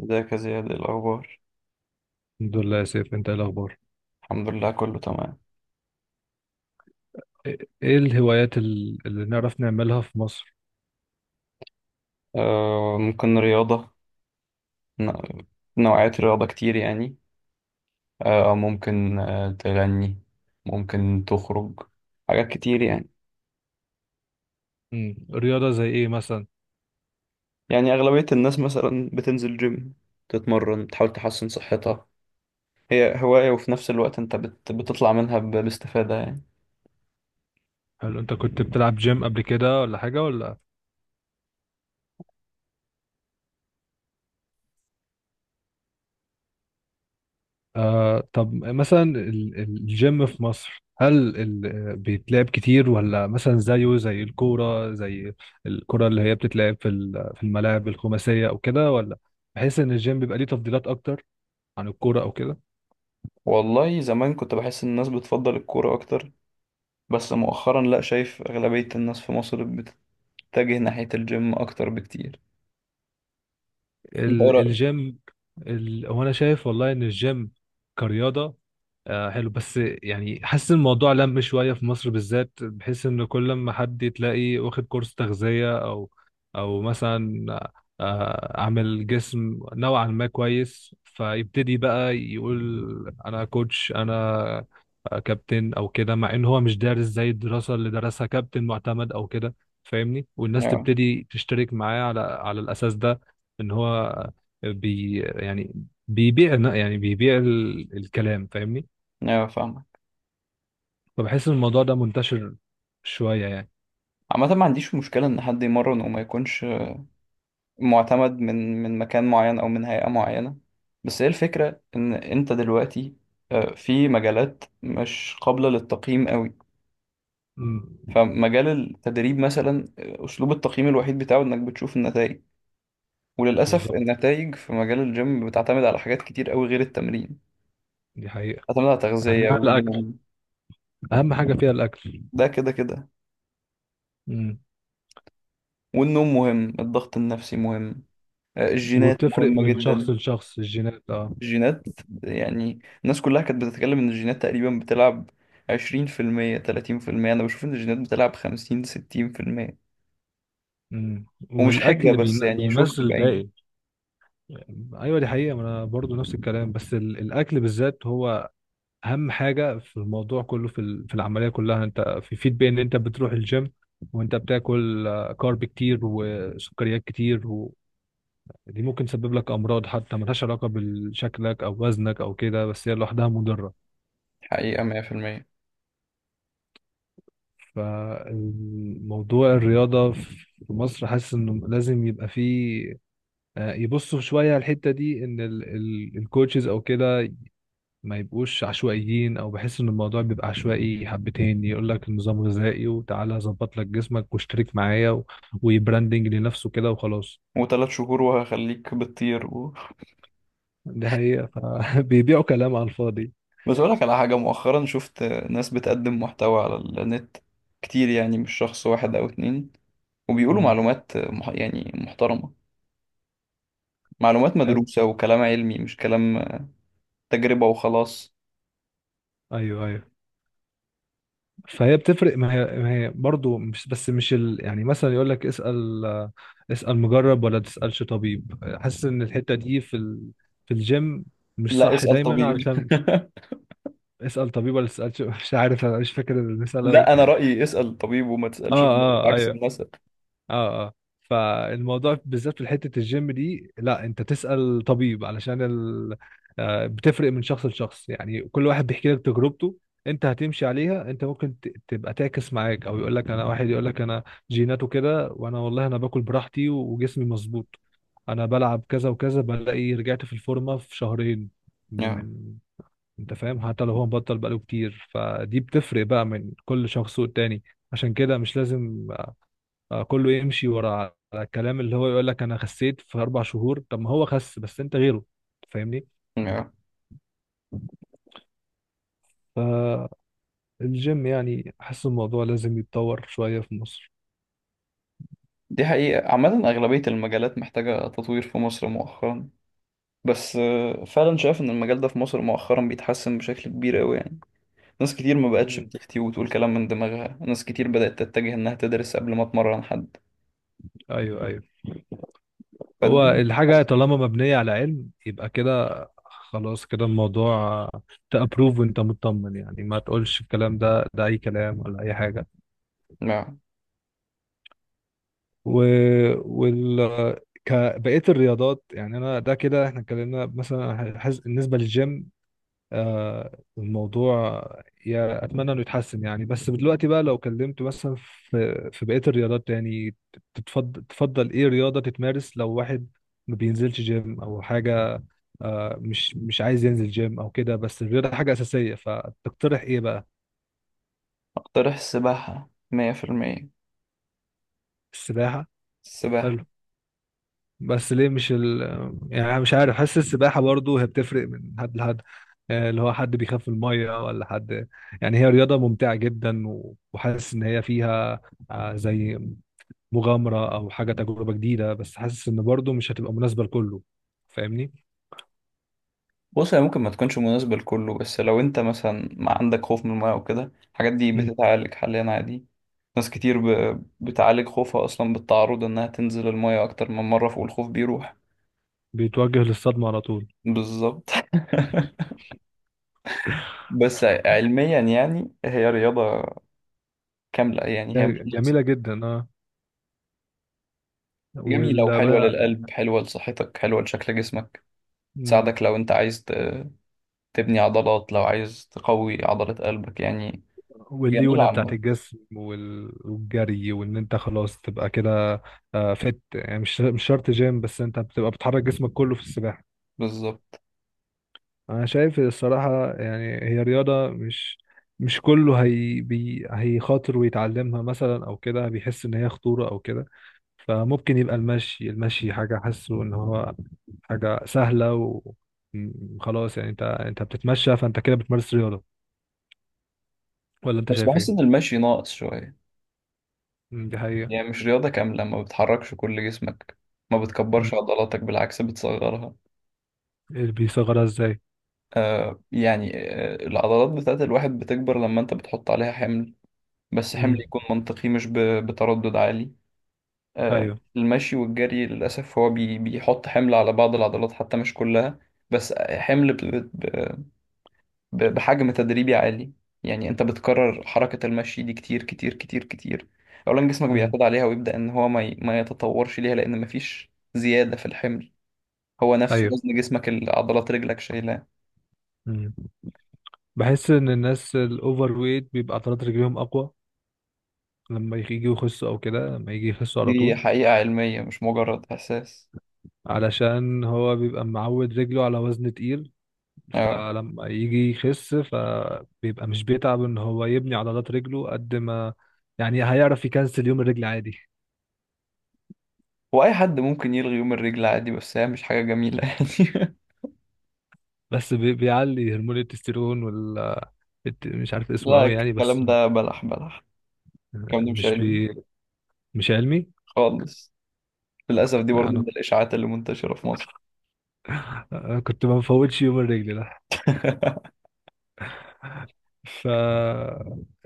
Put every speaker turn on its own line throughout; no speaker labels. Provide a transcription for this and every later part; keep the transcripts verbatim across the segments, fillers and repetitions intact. ازيك يا زياد ايه الأخبار؟
الحمد لله يا سيف، انت ايه الاخبار؟
الحمد لله كله تمام.
ايه ايه الهوايات ال- اللي نعرف نعملها في مصر؟
آه، ممكن رياضة. ن- نوعية رياضة كتير يعني. آه، ممكن آه تغني. ممكن تخرج. حاجات كتير يعني.
امم رياضة زي ايه مثلا؟
يعني أغلبية الناس مثلا بتنزل جيم. تتمرن تحاول تحسن صحتها. هي هواية، وفي نفس الوقت انت بت بتطلع منها ب- باستفادة يعني.
هل انت كنت بتلعب جيم قبل كده ولا حاجة ولا؟ آه، طب مثلا ال- ال- الجيم في مصر، هل ال- آه، بيتلعب كتير ولا مثلا زيه زي الكورة، زي الكرة اللي هي بتتلعب في ال- في الملاعب الخماسية او كده، ولا بحيث ان الجيم بيبقى ليه تفضيلات اكتر عن الكورة او كده؟
والله زمان كنت بحس إن الناس بتفضل الكورة أكتر. بس مؤخرا لأ، شايف أغلبية الناس في مصر بتتجه ناحية الجيم أكتر بكتير. انت.
ال- الجيم ال... هو انا شايف والله ان الجيم كرياضه آه حلو، بس يعني حاسس الموضوع لم شويه في مصر بالذات، بحيث ان كل ما حد تلاقي واخد كورس تغذيه او او مثلا آه عامل جسم نوعا ما كويس، فيبتدي بقى يقول انا كوتش، انا كابتن او كده، مع ان هو مش دارس زي الدراسه اللي درسها كابتن معتمد او كده، فاهمني؟ والناس
اه،
تبتدي تشترك معاه على على الاساس ده، ان هو بي يعني بيبيع يعني بيبيع ال- الكلام فاهمني.
اه، فاهمك.
فبحس ان الموضوع ده منتشر شوية يعني.
عامة ما عنديش مشكلة إن حد يمرن وما يكونش معتمد من من مكان معين أو من هيئة معينة. بس هي الفكرة إن أنت دلوقتي آه، في مجالات مش قابلة للتقييم قوي.
مم.
فمجال التدريب مثلا آه، أسلوب التقييم الوحيد بتاعه إنك بتشوف النتائج. وللأسف
بالظبط،
النتائج في مجال الجيم بتعتمد على حاجات كتير قوي غير التمرين.
دي حقيقة.
بتعتمد على تغذية
أهمها الأكل،
والنوم.
أهم حاجة فيها الأكل.
ده كده كده.
مم.
والنوم مهم، الضغط النفسي مهم. آه، الجينات
وبتفرق
مهمة
من شخص
جدا.
لشخص الجينات، اه.
الجينات. يعني الناس كلها كانت بتتكلم ان الجينات تقريبا بتلعب عشرين في المية تلاتين في المية، انا بشوف ان الجينات بتلعب خمسين ستين في المية.
مم.
ومش حجة
والأكل
بس
بين-
يعني شفت
بيمثل
بعين.
الباقي. أيوة، دي حقيقة. ما أنا برضو نفس الكلام، بس ال- الأكل بالذات هو اهم حاجه في الموضوع كله، في ال- في العمليه كلها. انت في فيد بين ان انت بتروح الجيم وانت بتاكل آه كارب كتير وسكريات كتير، ودي ممكن تسبب لك امراض حتى ملهاش علاقه بشكلك او وزنك او كده، بس هي لوحدها مضره.
حقيقة مية في المية.
فالموضوع الرياضه في مصر، حاسس انه لازم يبقى فيه آه يبصوا شويه على الحته دي، ان الكوتشز او كده ما يبقوش عشوائيين، او بحس ان الموضوع بيبقى عشوائي حبتين، يقول لك نظام غذائي وتعالى اظبط لك جسمك واشترك معايا و... ويبراندنج لنفسه كده وخلاص.
وتلات شهور وهخليك بتطير و...
دي حقيقة. فبيبيعوا كلام على الفاضي.
بس أقولك على حاجة مؤخرا شفت ناس بتقدم محتوى على النت كتير، يعني مش شخص واحد أو اتنين. وبيقولوا
امم.
معلومات مح... يعني محترمة. معلومات
حلو.
مدروسة وكلام علمي، مش كلام تجربة وخلاص.
ايوه، ايوه، فهي بتفرق. ما هي, ما هي برضه، مش بس مش ال... يعني مثلا يقول لك اسأل اسأل مجرب ولا تسألش طبيب. حاسس ان الحتة دي في ال... في الجيم مش
لا،
صح
اسأل
دايما،
طبيب.
علشان... اسأل طبيب ولا تسألش مش عارف، انا مش فاكر المثال قوي.
لا، انا رايي اسال طبيب وما
اه
تسالش،
اه،
عكس
ايوه.
المثل.
اه اه. فالموضوع بالذات في حته الجيم دي، لا، انت تسال طبيب علشان ال... آه، بتفرق من شخص لشخص يعني، كل واحد بيحكي لك تجربته، انت هتمشي عليها؟ انت ممكن ت- تبقى تعكس معاك، او يقول لك انا، واحد يقول لك انا جيناته كده، وانا والله انا باكل براحتي وجسمي مظبوط، انا بلعب كذا وكذا، بلاقي رجعت في الفورمه في شهرين
yeah.
من... انت فاهم؟ حتى لو هو مبطل بقاله كتير، فدي بتفرق بقى من كل شخص والتاني. عشان كده مش لازم آه كله يمشي ورا على الكلام اللي هو يقول لك انا خسيت في اربع شهور، طب ما هو خس بس انت غيره فاهمني.
yeah.
فالجيم يعني احس الموضوع لازم يتطور شوية في مصر.
دي حقيقه، عامه اغلبيه المجالات محتاجه تطوير في مصر مؤخرا. بس آه، فعلا شايف ان المجال ده في مصر مؤخرا بيتحسن بشكل كبير قوي يعني. ناس كتير ما بقتش
مم.
بتفتي وتقول كلام من دماغها، ناس كتير بدات تتجه انها تدرس قبل ما تمرن حد.
ايوه، ايوه. هو
فالدنيا
الحاجة
بتتحسن.
طالما مبنية على علم يبقى كده، خلاص كده الموضوع تأبروف وانت مطمن يعني، ما تقولش الكلام ده ده اي كلام ولا اي حاجة.
yeah.
و... وال ك- بقية الرياضات يعني، انا ده كده احنا اتكلمنا مثلا حز... بالنسبة للجيم آه الموضوع، يا اتمنى انه يتحسن يعني. بس دلوقتي بقى لو كلمت مثلا في في بقيه الرياضات يعني، تتفضل تفضل ايه رياضه تتمارس لو واحد ما بينزلش جيم او حاجه، آه مش مش عايز ينزل جيم او كده، بس الرياضه حاجه اساسيه، فتقترح ايه بقى؟
اقترح السباحه مية في المية.
السباحه.
السباحه.
هل... بس ليه مش ال... يعني أنا مش عارف، حاسس السباحة برضو هي بتفرق من حد لحد، آه اللي هو حد بيخاف من المية ولا حد، يعني هي رياضة ممتعة جدا و- وحاسس إن هي فيها آه زي مغامرة أو حاجة تجربة جديدة، بس حاسس إن برضو مش هتبقى مناسبة لكله، فاهمني؟
بص، هي ممكن ما تكونش مناسبة لكله، بس لو انت مثلا ما عندك خوف من الماء وكده الحاجات دي
مم.
بتتعالج حاليا عادي. ناس كتير ب... بتعالج خوفها اصلا بالتعرض انها تنزل الماء اكتر من مرة، والخوف بيروح.
بيتوجه للصدمة على طول.
بالظبط. بس علميا يعني هي رياضة كاملة، يعني هي
ده
مش ناقصة.
جميلة جدا، اه.
جميلة
ولا
وحلوة
بقى؟
للقلب، حلوة لصحتك، حلوة لشكل جسمك.
مم.
تساعدك لو انت عايز ت- تبني عضلات، لو عايز تقوي عضلة قلبك يعني. جميلة
والليونه بتاعت
عامة.
الجسم وال- والجري، وان انت خلاص تبقى كده آه فت يعني مش مش شرط جيم، بس انت بتبقى بتحرك جسمك كله في السباحه.
بالظبط.
انا شايف الصراحه يعني هي رياضه مش، مش كله، هي بي هيخاطر ويتعلمها مثلا او كده، بيحس ان هي خطوره او كده. فممكن يبقى المشي، المشي حاجه حاسه ان هو حاجه سهله و م- خلاص يعني، انت انت بتتمشى فانت كده بتمارس رياضه. ولا انت
بس
شايف ايه؟
بحس ان المشي ناقص شوية.
م، دي حقيقه.
يعني مش رياضة كاملة، ما بتحركش كل جسمك. ما
م،
بتكبرش عضلاتك، بالعكس بتصغرها.
بيصغرها ازاي؟
آه يعني آه العضلات بتاعت الواحد بتكبر لما انت بتحط عليها حمل. بس
م.
حمل يكون منطقي، مش ب- بتردد عالي. آه
ايوه.
المشي والجري للأسف هو بي بيحط حمل على بعض العضلات حتى مش كلها. بس حمل ب- بحجم تدريبي عالي. يعني انت بتكرر حركة المشي دي كتير كتير كتير كتير. اولا جسمك
امم.
بيعتاد عليها ويبدأ ان هو ما ي- ما يتطورش ليها لان مفيش زيادة في الحمل. هو نفسه
ايوه.
وزن جسمك اللي عضلات رجلك شايلاه.
امم. بحس ان الناس الاوفر ويت بيبقى عضلات رجليهم اقوى، لما يجي يخسوا او كده، لما يجي يخسوا على
دي
طول.
حقيقة علمية مش مجرد احساس.
علشان هو بيبقى معود رجله على وزن تقيل،
اه،
فلما يجي يخس فبيبقى مش بيتعب ان هو يبني عضلات رجله قد ما يعني، هيعرف يكنسل يوم الرجل عادي.
واي حد ممكن يلغي يوم الرجل عادي، بس هي مش حاجة جميلة يعني.
بس بي- بيعلي هرمون التستيرون وال الت- مش عارف اسمه
لا،
قوي يعني، بس
الكلام ده بلح بلح. الكلام ده مش
مش
علمي
بي... مش علمي.
خالص. للأسف دي برضه من
انا
الإشاعات اللي منتشرة في مصر.
أنا كنت ما بفوتش يوم الرجل. ف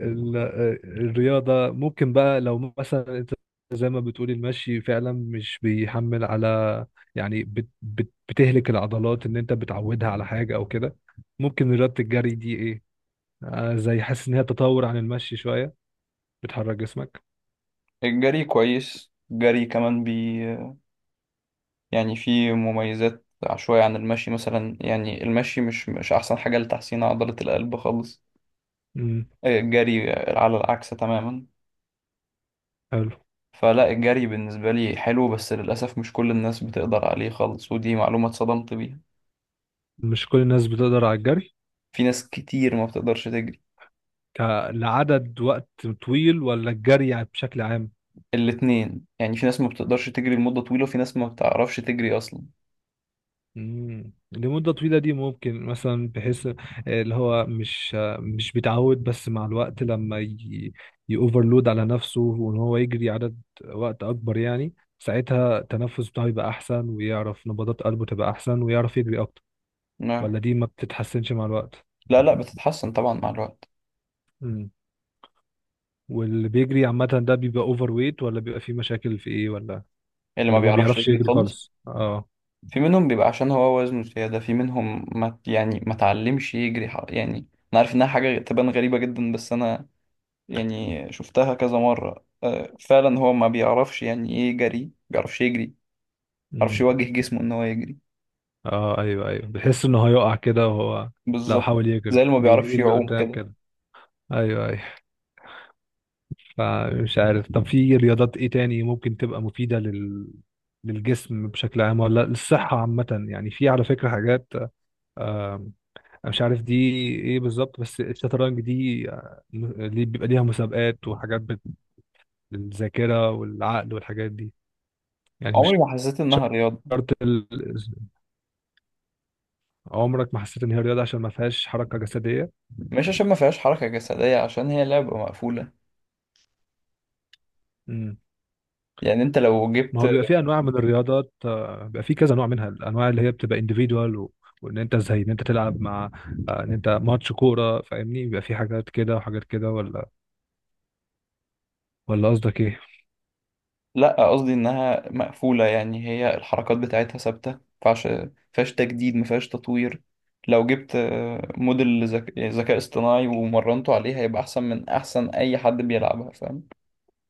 ال- الرياضة ممكن بقى لو مثلا انت زي ما بتقولي المشي فعلا مش بيحمل على يعني، بت بت بتهلك العضلات ان انت بتعودها على حاجة او كده. ممكن رياضة الجري دي ايه، آه زي حاسس ان هي تطور عن المشي شوية، بتحرك جسمك.
الجري كويس، الجري كمان. يعني في مميزات شوية عن المشي، مثلا يعني المشي مش مش أحسن حاجة لتحسين عضلة القلب خالص.
امم.
آه، الجري على العكس تماما.
حلو.
فلا، الجري بالنسبة لي حلو، بس للأسف مش كل الناس بتقدر عليه خالص، ودي معلومة اتصدمت بيها.
مش كل الناس بتقدر على الجري
في ناس كتير ما بتقدرش تجري.
ك- لعدد وقت طويل، ولا الجري يعني بشكل عام؟
الاتنين، يعني في ناس ما بتقدرش تجري لمدة طويلة، وفي ناس ما بتعرفش تجري أصلا.
مم. لمدة طويلة دي ممكن مثلا بحيث آه اللي هو مش، آه مش بيتعود، بس مع الوقت لما ي... يأوفرلود على نفسه وان هو يجري عدد وقت اكبر، يعني ساعتها التنفس بتاعه يبقى احسن، ويعرف نبضات قلبه تبقى احسن، ويعرف يجري اكتر.
نعم.
ولا دي ما بتتحسنش مع الوقت؟
لا، لا، بتتحسن طبعا مع الوقت.
مم. واللي بيجري عامة ده بيبقى اوفر ويت، ولا بيبقى فيه مشاكل في ايه ولا؟
اللي ما
اللي هو ما
بيعرفش
بيعرفش
يجري
يجري
خالص.
خالص، اه.
في منهم بيبقى عشان هو وزنه زيادة، في منهم ما يعني ما تعلمش يجري ح- يعني. أنا عارف إنها حاجة تبان غريبة جدا، بس أنا يعني شفتها كذا مرة، آه، فعلا هو ما بيعرفش يعني إيه جري، ما بيعرفش يجري، ما بيعرفش
مم.
يوجه جسمه إن هو يجري.
اه، ايوه، ايوه، بيحس انه هيقع كده، وهو لو
بالظبط
حاول
زي
يجري
اللي ما بيعرفش
بيميل
يعوم
لقدام
كده.
كده. ايوه، ايوه. فمش عارف، طب في رياضات ايه تاني ممكن تبقى مفيدة لل للجسم بشكل عام، ولا للصحة عامة يعني؟ في على فكرة حاجات، آم، أنا مش عارف دي ايه بالظبط، بس الشطرنج دي آه، ليه بيبقى ليها مسابقات وحاجات بت- للذاكرة والعقل والحاجات دي؟ يعني مش
عمري ما حسيت إنها رياضة.
شرط ال- عمرك ما حسيت ان هي رياضة عشان ما فيهاش حركة جسدية؟
مش عشان ما فيهاش حركة جسدية، عشان هي لعبة مقفولة. يعني أنت لو
ما
جبت.
هو بيبقى فيه انواع من الرياضات آه، بيبقى فيه كذا نوع منها، الانواع اللي هي بتبقى individual و... وان انت زي ان انت تلعب مع آه ان انت ماتش كوره فاهمني، بيبقى فيه حاجات كده وحاجات كده، ولا ولا قصدك ايه؟
لا، قصدي انها مقفولة، يعني هي الحركات بتاعتها ثابتة، مفيهاش مفيهاش تجديد، مفيهاش تطوير. لو جبت آه، موديل ذك- ذكاء اصطناعي ومرنته عليه، هيبقى احسن من احسن اي حد بيلعبها، فاهم.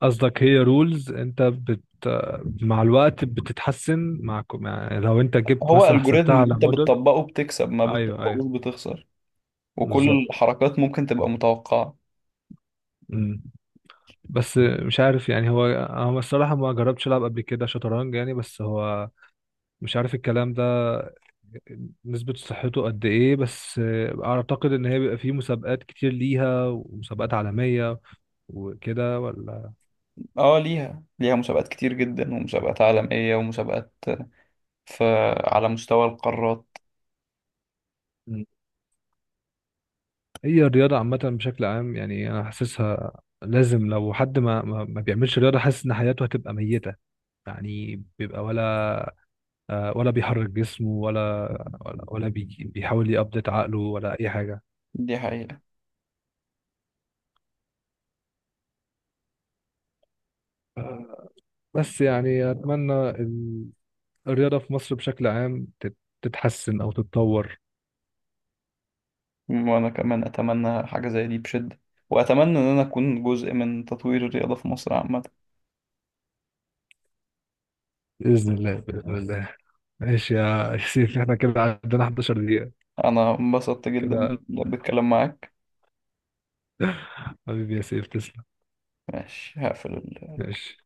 قصدك هي رولز، انت بت آه، مع الوقت بتتحسن مع كو- مع- لو انت جبت
هو
مثلا
الجوريزم
حسبتها على
انت
موديل.
بتطبقه بتكسب، ما
ايوه، ايوه.
بتطبقوش بتخسر. وكل
بالظبط.
الحركات ممكن تبقى متوقعة.
مم. بس مش عارف يعني، هو انا الصراحه ما جربتش العب قبل كده شطرنج يعني، بس هو مش عارف الكلام ده نسبة صحته قد إيه، بس آه أعتقد إن هي بيبقى فيه مسابقات كتير ليها ومسابقات عالمية وكده، ولا؟
اه، ليها ليها مسابقات كتير جدا، ومسابقات عالمية، ومسابقات آه، في على مستوى القارات.
مم. هي الرياضة عامة بشكل عام يعني أنا حاسسها لازم. لو حد ما ما ما بيعملش رياضة، حاسس إن حياته هتبقى ميتة يعني، بيبقى ولا آه ولا بيحرك جسمه، ولا ولا ولا بيجي- بيحاول يأبديت عقله، ولا أي حاجة.
دي حقيقة.
بس يعني أتمنى ال- الرياضة في مصر بشكل عام تت- تتحسن أو تتطور.
وأنا كمان أتمنى حاجة زي دي بشدة، وأتمنى إن أنا أكون جزء من تطوير الرياضة في مصر عامة.
بإذن الله، بإذن الله. ماشي يا يا سيف، احنا كده عندنا 11 دقيقة
أنا انبسطت جدا بال-
كده.
بالكلام معاك.
حبيبي يا سيف، تسلم.
ماشي هقفل
ماشي.